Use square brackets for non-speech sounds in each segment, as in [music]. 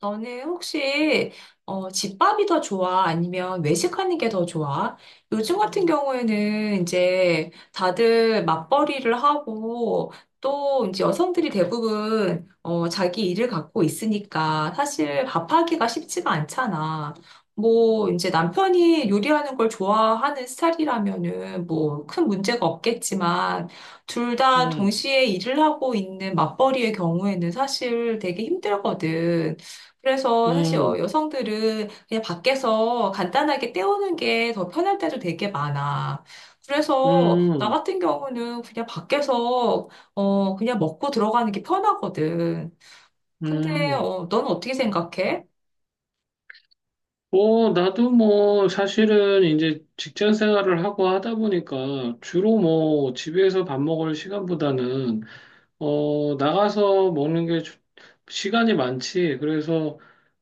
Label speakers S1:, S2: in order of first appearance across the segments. S1: 너는 혹시 집밥이 더 좋아? 아니면 외식하는 게 더 좋아? 요즘 같은 경우에는 이제 다들 맞벌이를 하고 또 이제 여성들이 대부분 자기 일을 갖고 있으니까 사실 밥하기가 쉽지가 않잖아. 뭐 이제 남편이 요리하는 걸 좋아하는 스타일이라면은 뭐 큰 문제가 없겠지만 둘 다
S2: 음,
S1: 동시에 일을 하고 있는 맞벌이의 경우에는 사실 되게 힘들거든. 그래서 사실
S2: 음,
S1: 여성들은 그냥 밖에서 간단하게 때우는 게 더 편할 때도 되게 많아. 그래서 나
S2: 음,
S1: 같은 경우는 그냥 밖에서 그냥 먹고 들어가는 게 편하거든. 근데
S2: 음.
S1: 는 어떻게 생각해?
S2: 뭐, 나도 뭐, 사실은 이제 직장 생활을 하고 하다 보니까 주로 뭐, 집에서 밥 먹을 시간보다는, 나가서 먹는 게 시간이 많지. 그래서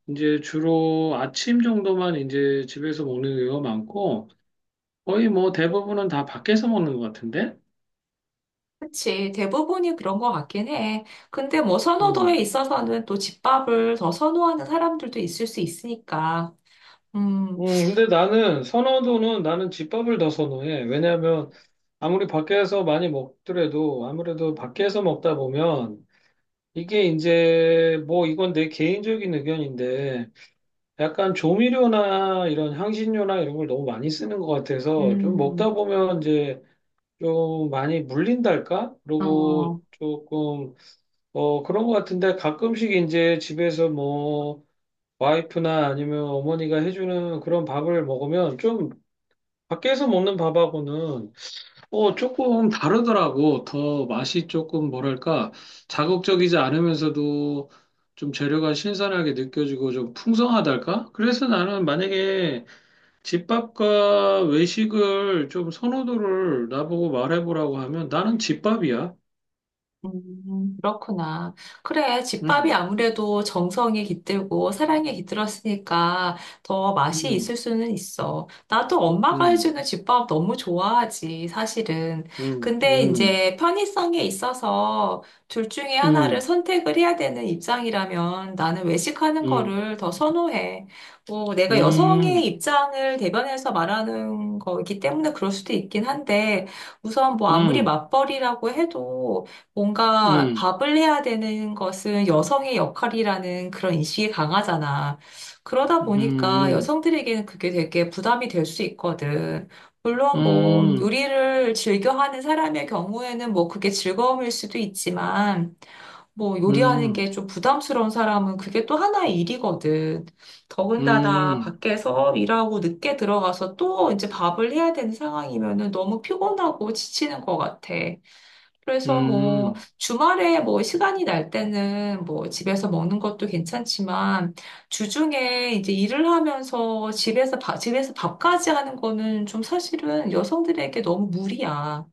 S2: 이제 주로 아침 정도만 이제 집에서 먹는 경우가 많고, 거의 뭐 대부분은 다 밖에서 먹는 것 같은데?
S1: 그치. 대부분이 그런 것 같긴 해. 근데 뭐 선호도에 있어서는 또 집밥을 더 선호하는 사람들도 있을 수 있으니까. 음,
S2: 근데 나는 선호도는 나는 집밥을 더 선호해. 왜냐하면 아무리 밖에서 많이 먹더라도 아무래도 밖에서 먹다 보면 이게 이제 뭐 이건 내 개인적인 의견인데 약간 조미료나 이런 향신료나 이런 걸 너무 많이 쓰는 것 같아서 좀
S1: 음,
S2: 먹다 보면 이제 좀 많이 물린달까? 그리고
S1: 어.
S2: 조금 그런 것 같은데 가끔씩 이제 집에서 뭐 와이프나 아니면 어머니가 해주는 그런 밥을 먹으면 좀 밖에서 먹는 밥하고는 조금 다르더라고. 더 맛이 조금 뭐랄까, 자극적이지 않으면서도 좀 재료가 신선하게 느껴지고 좀 풍성하달까? 그래서 나는 만약에 집밥과 외식을 좀 선호도를 나보고 말해보라고 하면 나는 집밥이야.
S1: 그렇구나. 그래, 집밥이
S2: 음,
S1: 아무래도 정성이 깃들고 사랑이 깃들었으니까 더 맛이 있을
S2: 음,
S1: 수는 있어. 나도 엄마가
S2: 음,
S1: 해주는 집밥 너무 좋아하지, 사실은. 근데
S2: 음,
S1: 이제 편의성에 있어서 둘 중에 하나를
S2: 음,
S1: 선택을 해야 되는 입장이라면 나는 외식하는
S2: 음, 음,
S1: 거를 더 선호해. 뭐, 내가 여성의
S2: 음,
S1: 입장을 대변해서 말하는 거기 때문에 그럴 수도 있긴 한데 우선 뭐 아무리
S2: 음,
S1: 맞벌이라고 해도 뭔가
S2: 음,
S1: 밥을 해야 되는 것은 여성의 역할이라는 그런 인식이 강하잖아. 그러다 보니까
S2: 음,
S1: 여성들에게는 그게 되게 부담이 될 수 있거든.
S2: 음,
S1: 물론 뭐
S2: 음,
S1: 요리를 즐겨하는 사람의 경우에는 뭐 그게 즐거움일 수도 있지만 뭐 요리하는
S2: 음.
S1: 게 좀 부담스러운 사람은 그게 또 하나의 일이거든. 더군다나
S2: 음.
S1: 밖에서 일하고 늦게 들어가서 또 이제 밥을 해야 되는 상황이면은 너무 피곤하고 지치는 것 같아. 그래서 뭐
S2: 음,
S1: 주말에 뭐 시간이 날 때는 뭐 집에서 먹는 것도 괜찮지만 주중에 이제 일을 하면서 집에서 밥까지 하는 거는 좀 사실은 여성들에게 너무 무리야.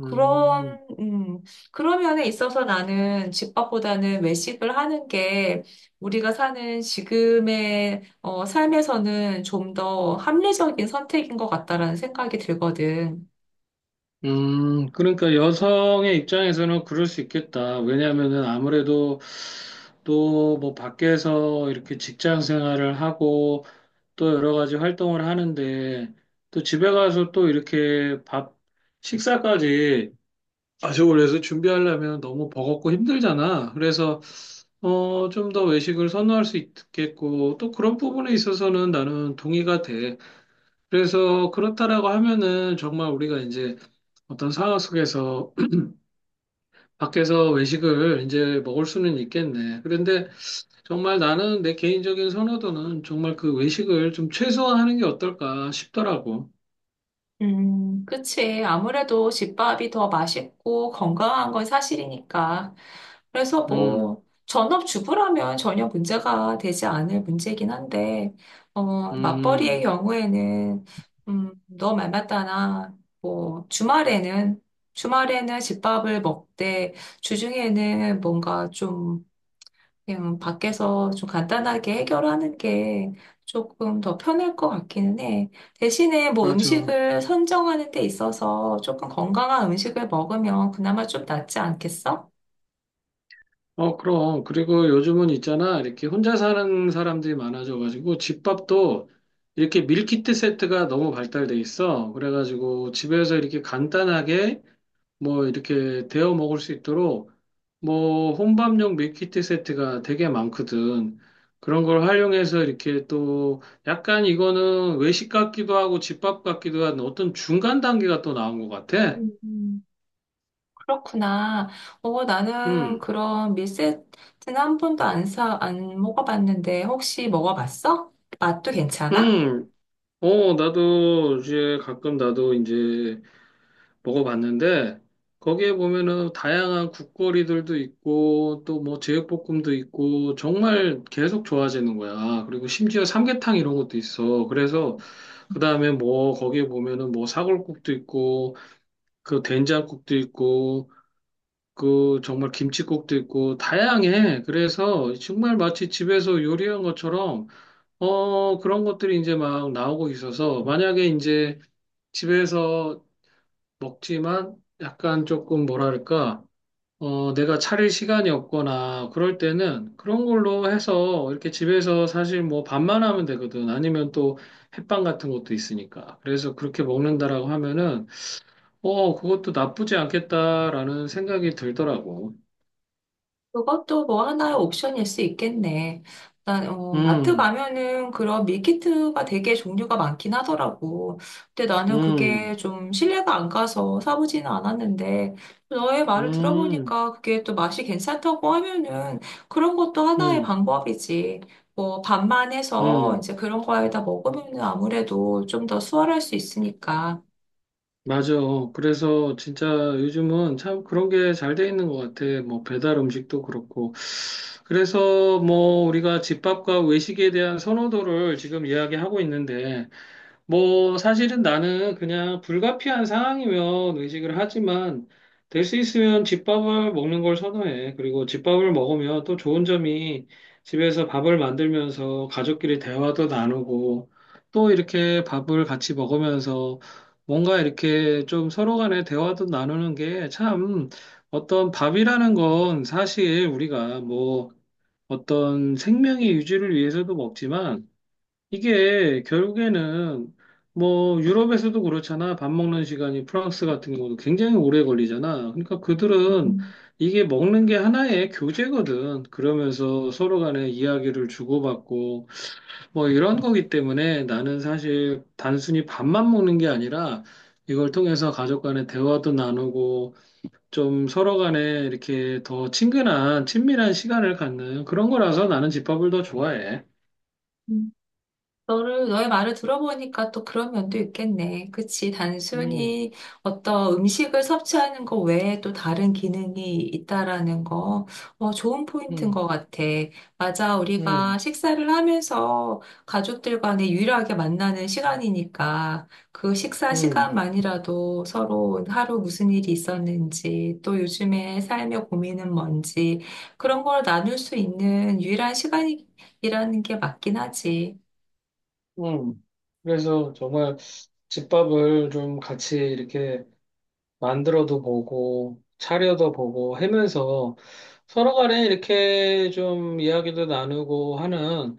S2: 음,
S1: 그런, 음, 그런 면에 있어서 나는 집밥보다는 외식을 하는 게 우리가 사는 지금의 삶에서는 좀 더 합리적인 선택인 것 같다라는 생각이 들거든.
S2: 그러니까 여성의 입장에서는 그럴 수 있겠다. 왜냐하면은 아무래도 또 뭐 밖에서 이렇게 직장 생활을 하고 또 여러 가지 활동을 하는데 또 집에 가서 또 이렇게 밥, 식사까지 가족을 해서 준비하려면 너무 버겁고 힘들잖아. 그래서 좀 더 외식을 선호할 수 있겠고 또 그런 부분에 있어서는 나는 동의가 돼. 그래서 그렇다라고 하면은 정말 우리가 이제 어떤 상황 속에서 [clears throat] 밖에서 외식을 이제 먹을 수는 있겠네. 그런데 정말 나는 내 개인적인 선호도는 정말 그 외식을 좀 최소화하는 게 어떨까 싶더라고.
S1: 그치. 아무래도 집밥이 더 맛있고 건강한 건 사실이니까. 그래서
S2: 음,
S1: 뭐, 전업주부라면 전혀 문제가 되지 않을 문제긴 한데, 어, 맞벌이의
S2: 음,
S1: 경우에는, 너 말 맞다나, 뭐, 주말에는, 주말에는 집밥을 먹되, 주중에는 뭔가 좀 그냥 밖에서 좀 간단하게 해결하는 게 조금 더 편할 것 같기는 해. 대신에 뭐
S2: 맞아.
S1: 음식을 선정하는 데 있어서 조금 건강한 음식을 먹으면 그나마 좀 낫지 않겠어?
S2: 그럼. 그리고 요즘은 있잖아. 이렇게 혼자 사는 사람들이 많아져가지고 집밥도 이렇게 밀키트 세트가 너무 발달돼 있어. 그래가지고 집에서 이렇게 간단하게 뭐 이렇게 데워 먹을 수 있도록 뭐 혼밥용 밀키트 세트가 되게 많거든. 그런 걸 활용해서 이렇게 또 약간 이거는 외식 같기도 하고 집밥 같기도 한 어떤 중간 단계가 또 나온 것 같아.
S1: 음. 그렇구나. 어, 나는
S2: 음,
S1: 그런 밀세트는 한 번도 안 먹어봤는데 혹시 먹어봤어? 맛도 괜찮아?
S2: 음, 나도 이제 가끔 나도 이제 먹어봤는데 거기에 보면은 다양한 국거리들도 있고 또 뭐 제육볶음도 있고 정말 계속 좋아지는 거야. 그리고 심지어 삼계탕 이런 것도 있어. 그래서 그다음에 뭐 거기에 보면은 뭐 사골국도 있고 그 된장국도 있고 그 정말 김치국도 있고 다양해. 그래서 정말 마치 집에서 요리한 것처럼 그런 것들이 이제 막 나오고 있어서 만약에 이제 집에서 먹지만 약간 조금 뭐랄까, 내가 차릴 시간이 없거나 그럴 때는 그런 걸로 해서 이렇게 집에서 사실 뭐 밥만 하면 되거든. 아니면 또 햇빵 같은 것도 있으니까. 그래서 그렇게 먹는다라고 하면은, 그것도 나쁘지 않겠다라는 생각이 들더라고.
S1: 그것도 뭐 하나의 옵션일 수 있겠네. 일단, 어, 마트
S2: 음,
S1: 가면은 그런 밀키트가 되게 종류가 많긴 하더라고. 근데 나는 그게
S2: 음,
S1: 좀 신뢰가 안 가서 사보지는 않았는데, 너의 말을
S2: 음,
S1: 들어보니까 그게 또 맛이 괜찮다고 하면은 그런 것도 하나의
S2: 음,
S1: 방법이지. 뭐, 반만 해서
S2: 음.
S1: 이제 그런 거에다 먹으면은 아무래도 좀 더 수월할 수 있으니까.
S2: 맞아. 그래서 진짜 요즘은 참 그런 게 잘 돼 있는 것 같아. 뭐 배달 음식도 그렇고. 그래서 뭐 우리가 집밥과 외식에 대한 선호도를 지금 이야기하고 있는데 뭐, 사실은 나는 그냥 불가피한 상황이면 의식을 하지만, 될 수 있으면 집밥을 먹는 걸 선호해. 그리고 집밥을 먹으면 또 좋은 점이 집에서 밥을 만들면서 가족끼리 대화도 나누고, 또 이렇게 밥을 같이 먹으면서 뭔가 이렇게 좀 서로 간에 대화도 나누는 게 참 어떤 밥이라는 건 사실 우리가 뭐 어떤 생명의 유지를 위해서도 먹지만, 이게 결국에는 뭐 유럽에서도 그렇잖아. 밥 먹는 시간이 프랑스 같은 경우도 굉장히 오래 걸리잖아. 그러니까 그들은 이게 먹는 게 하나의 교제거든. 그러면서 서로 간에 이야기를 주고받고 뭐 이런 거기 때문에 나는 사실 단순히 밥만 먹는 게 아니라 이걸 통해서 가족 간의 대화도 나누고 좀 서로 간에 이렇게 더 친근한 친밀한 시간을 갖는 그런 거라서 나는 집밥을 더 좋아해.
S1: 음. 너의 말을 들어보니까 또 그런 면도 있겠네. 그치.
S2: 음,
S1: 단순히 어떤 음식을 섭취하는 거 외에 또 다른 기능이 있다라는 거, 어, 좋은 포인트인
S2: 음,
S1: 것 같아. 맞아. 우리가
S2: 음.
S1: 식사를 하면서 가족들 간에 유일하게 만나는 시간이니까 그 식사
S2: 음,
S1: 시간만이라도 서로 하루 무슨 일이 있었는지, 또 요즘에 삶의 고민은 뭔지, 그런 걸 나눌 수 있는 유일한 시간이라는 게 맞긴 하지.
S2: 음. 그래서 정말 집밥을 좀 같이 이렇게 만들어도 보고, 차려도 보고 하면서 서로 간에 이렇게 좀 이야기도 나누고 하는,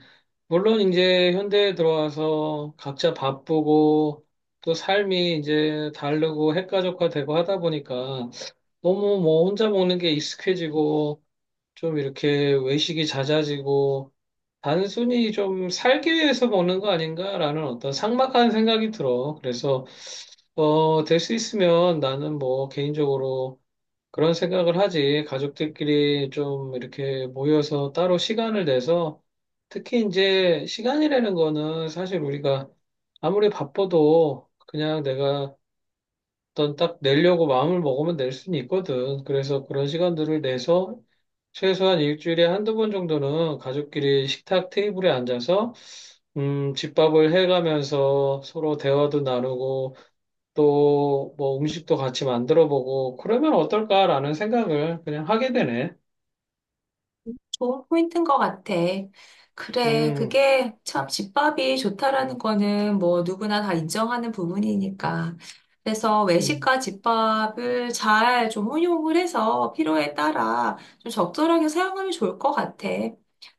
S2: 물론 이제 현대에 들어와서 각자 바쁘고, 또 삶이 이제 다르고 핵가족화되고 하다 보니까 너무 뭐 혼자 먹는 게 익숙해지고, 좀 이렇게 외식이 잦아지고, 단순히 좀 살기 위해서 먹는 거 아닌가라는 어떤 삭막한 생각이 들어. 그래서, 될 수 있으면 나는 뭐 개인적으로 그런 생각을 하지. 가족들끼리 좀 이렇게 모여서 따로 시간을 내서 특히 이제 시간이라는 거는 사실 우리가 아무리 바빠도 그냥 내가 일단 딱 내려고 마음을 먹으면 낼 수는 있거든. 그래서 그런 시간들을 내서 최소한 일주일에 한두 번 정도는 가족끼리 식탁 테이블에 앉아서 집밥을 해가면서 서로 대화도 나누고 또 뭐 음식도 같이 만들어 보고 그러면 어떨까라는 생각을 그냥 하게 되네.
S1: 좋은 포인트인 것 같아. 그래,
S2: 음,
S1: 그게 참 집밥이 좋다라는 거는 뭐 누구나 다 인정하는 부분이니까. 그래서
S2: 음,
S1: 외식과 집밥을 잘 좀 혼용을 해서 필요에 따라 좀 적절하게 사용하면 좋을 것 같아.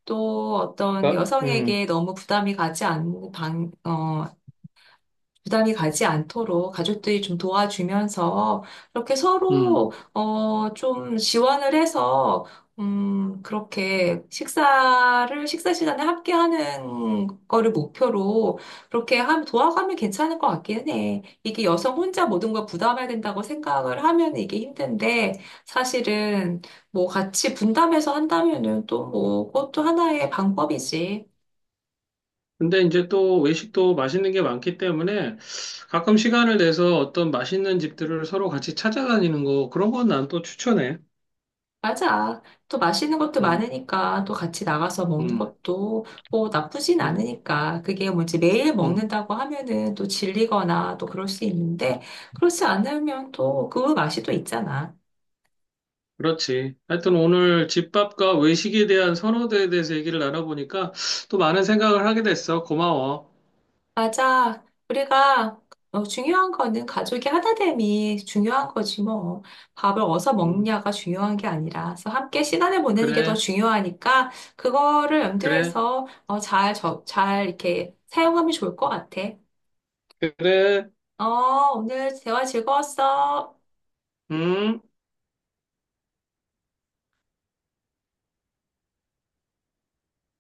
S1: 또 어떤
S2: 나-
S1: 여성에게
S2: 음.
S1: 너무 부담이 가지 않는 방, 어, 부담이 가지 않도록 가족들이 좀 도와주면서 이렇게
S2: 음.
S1: 서로 좀 지원을 해서 그렇게 식사 시간에 함께 하는 거를 목표로 그렇게 함 도와가면 괜찮을 것 같긴 해. 이게 여성 혼자 모든 걸 부담해야 된다고 생각을 하면 이게 힘든데 사실은 뭐 같이 분담해서 한다면은 또 뭐 그것도 하나의 방법이지.
S2: 근데 이제 또 외식도 맛있는 게 많기 때문에 가끔 시간을 내서 어떤 맛있는 집들을 서로 같이 찾아다니는 거 그런 건 난 또 추천해.
S1: 맞아. 또 맛있는 것도
S2: 음,
S1: 많으니까 또 같이 나가서 먹는
S2: 음,
S1: 것도 뭐 나쁘진
S2: 음,
S1: 않으니까 그게 뭐지 매일
S2: 음.
S1: 먹는다고 하면은 또 질리거나 또 그럴 수 있는데 그렇지 않으면 또 그 맛이 또 있잖아.
S2: 그렇지. 하여튼 오늘 집밥과 외식에 대한 선호도에 대해서 얘기를 나눠보니까 또 많은 생각을 하게 됐어. 고마워.
S1: 맞아. 우리가 어, 중요한 거는 가족이 하나됨이 중요한 거지 뭐. 밥을 어디서
S2: 음,
S1: 먹느냐가 중요한 게 아니라 그래서 함께 시간을 보내는 게 더
S2: 그래,
S1: 중요하니까 그거를
S2: 그래,
S1: 염두해서 잘 이렇게 사용하면 좋을 것 같아.
S2: 그래.
S1: 어, 오늘 대화 즐거웠어.
S2: 음.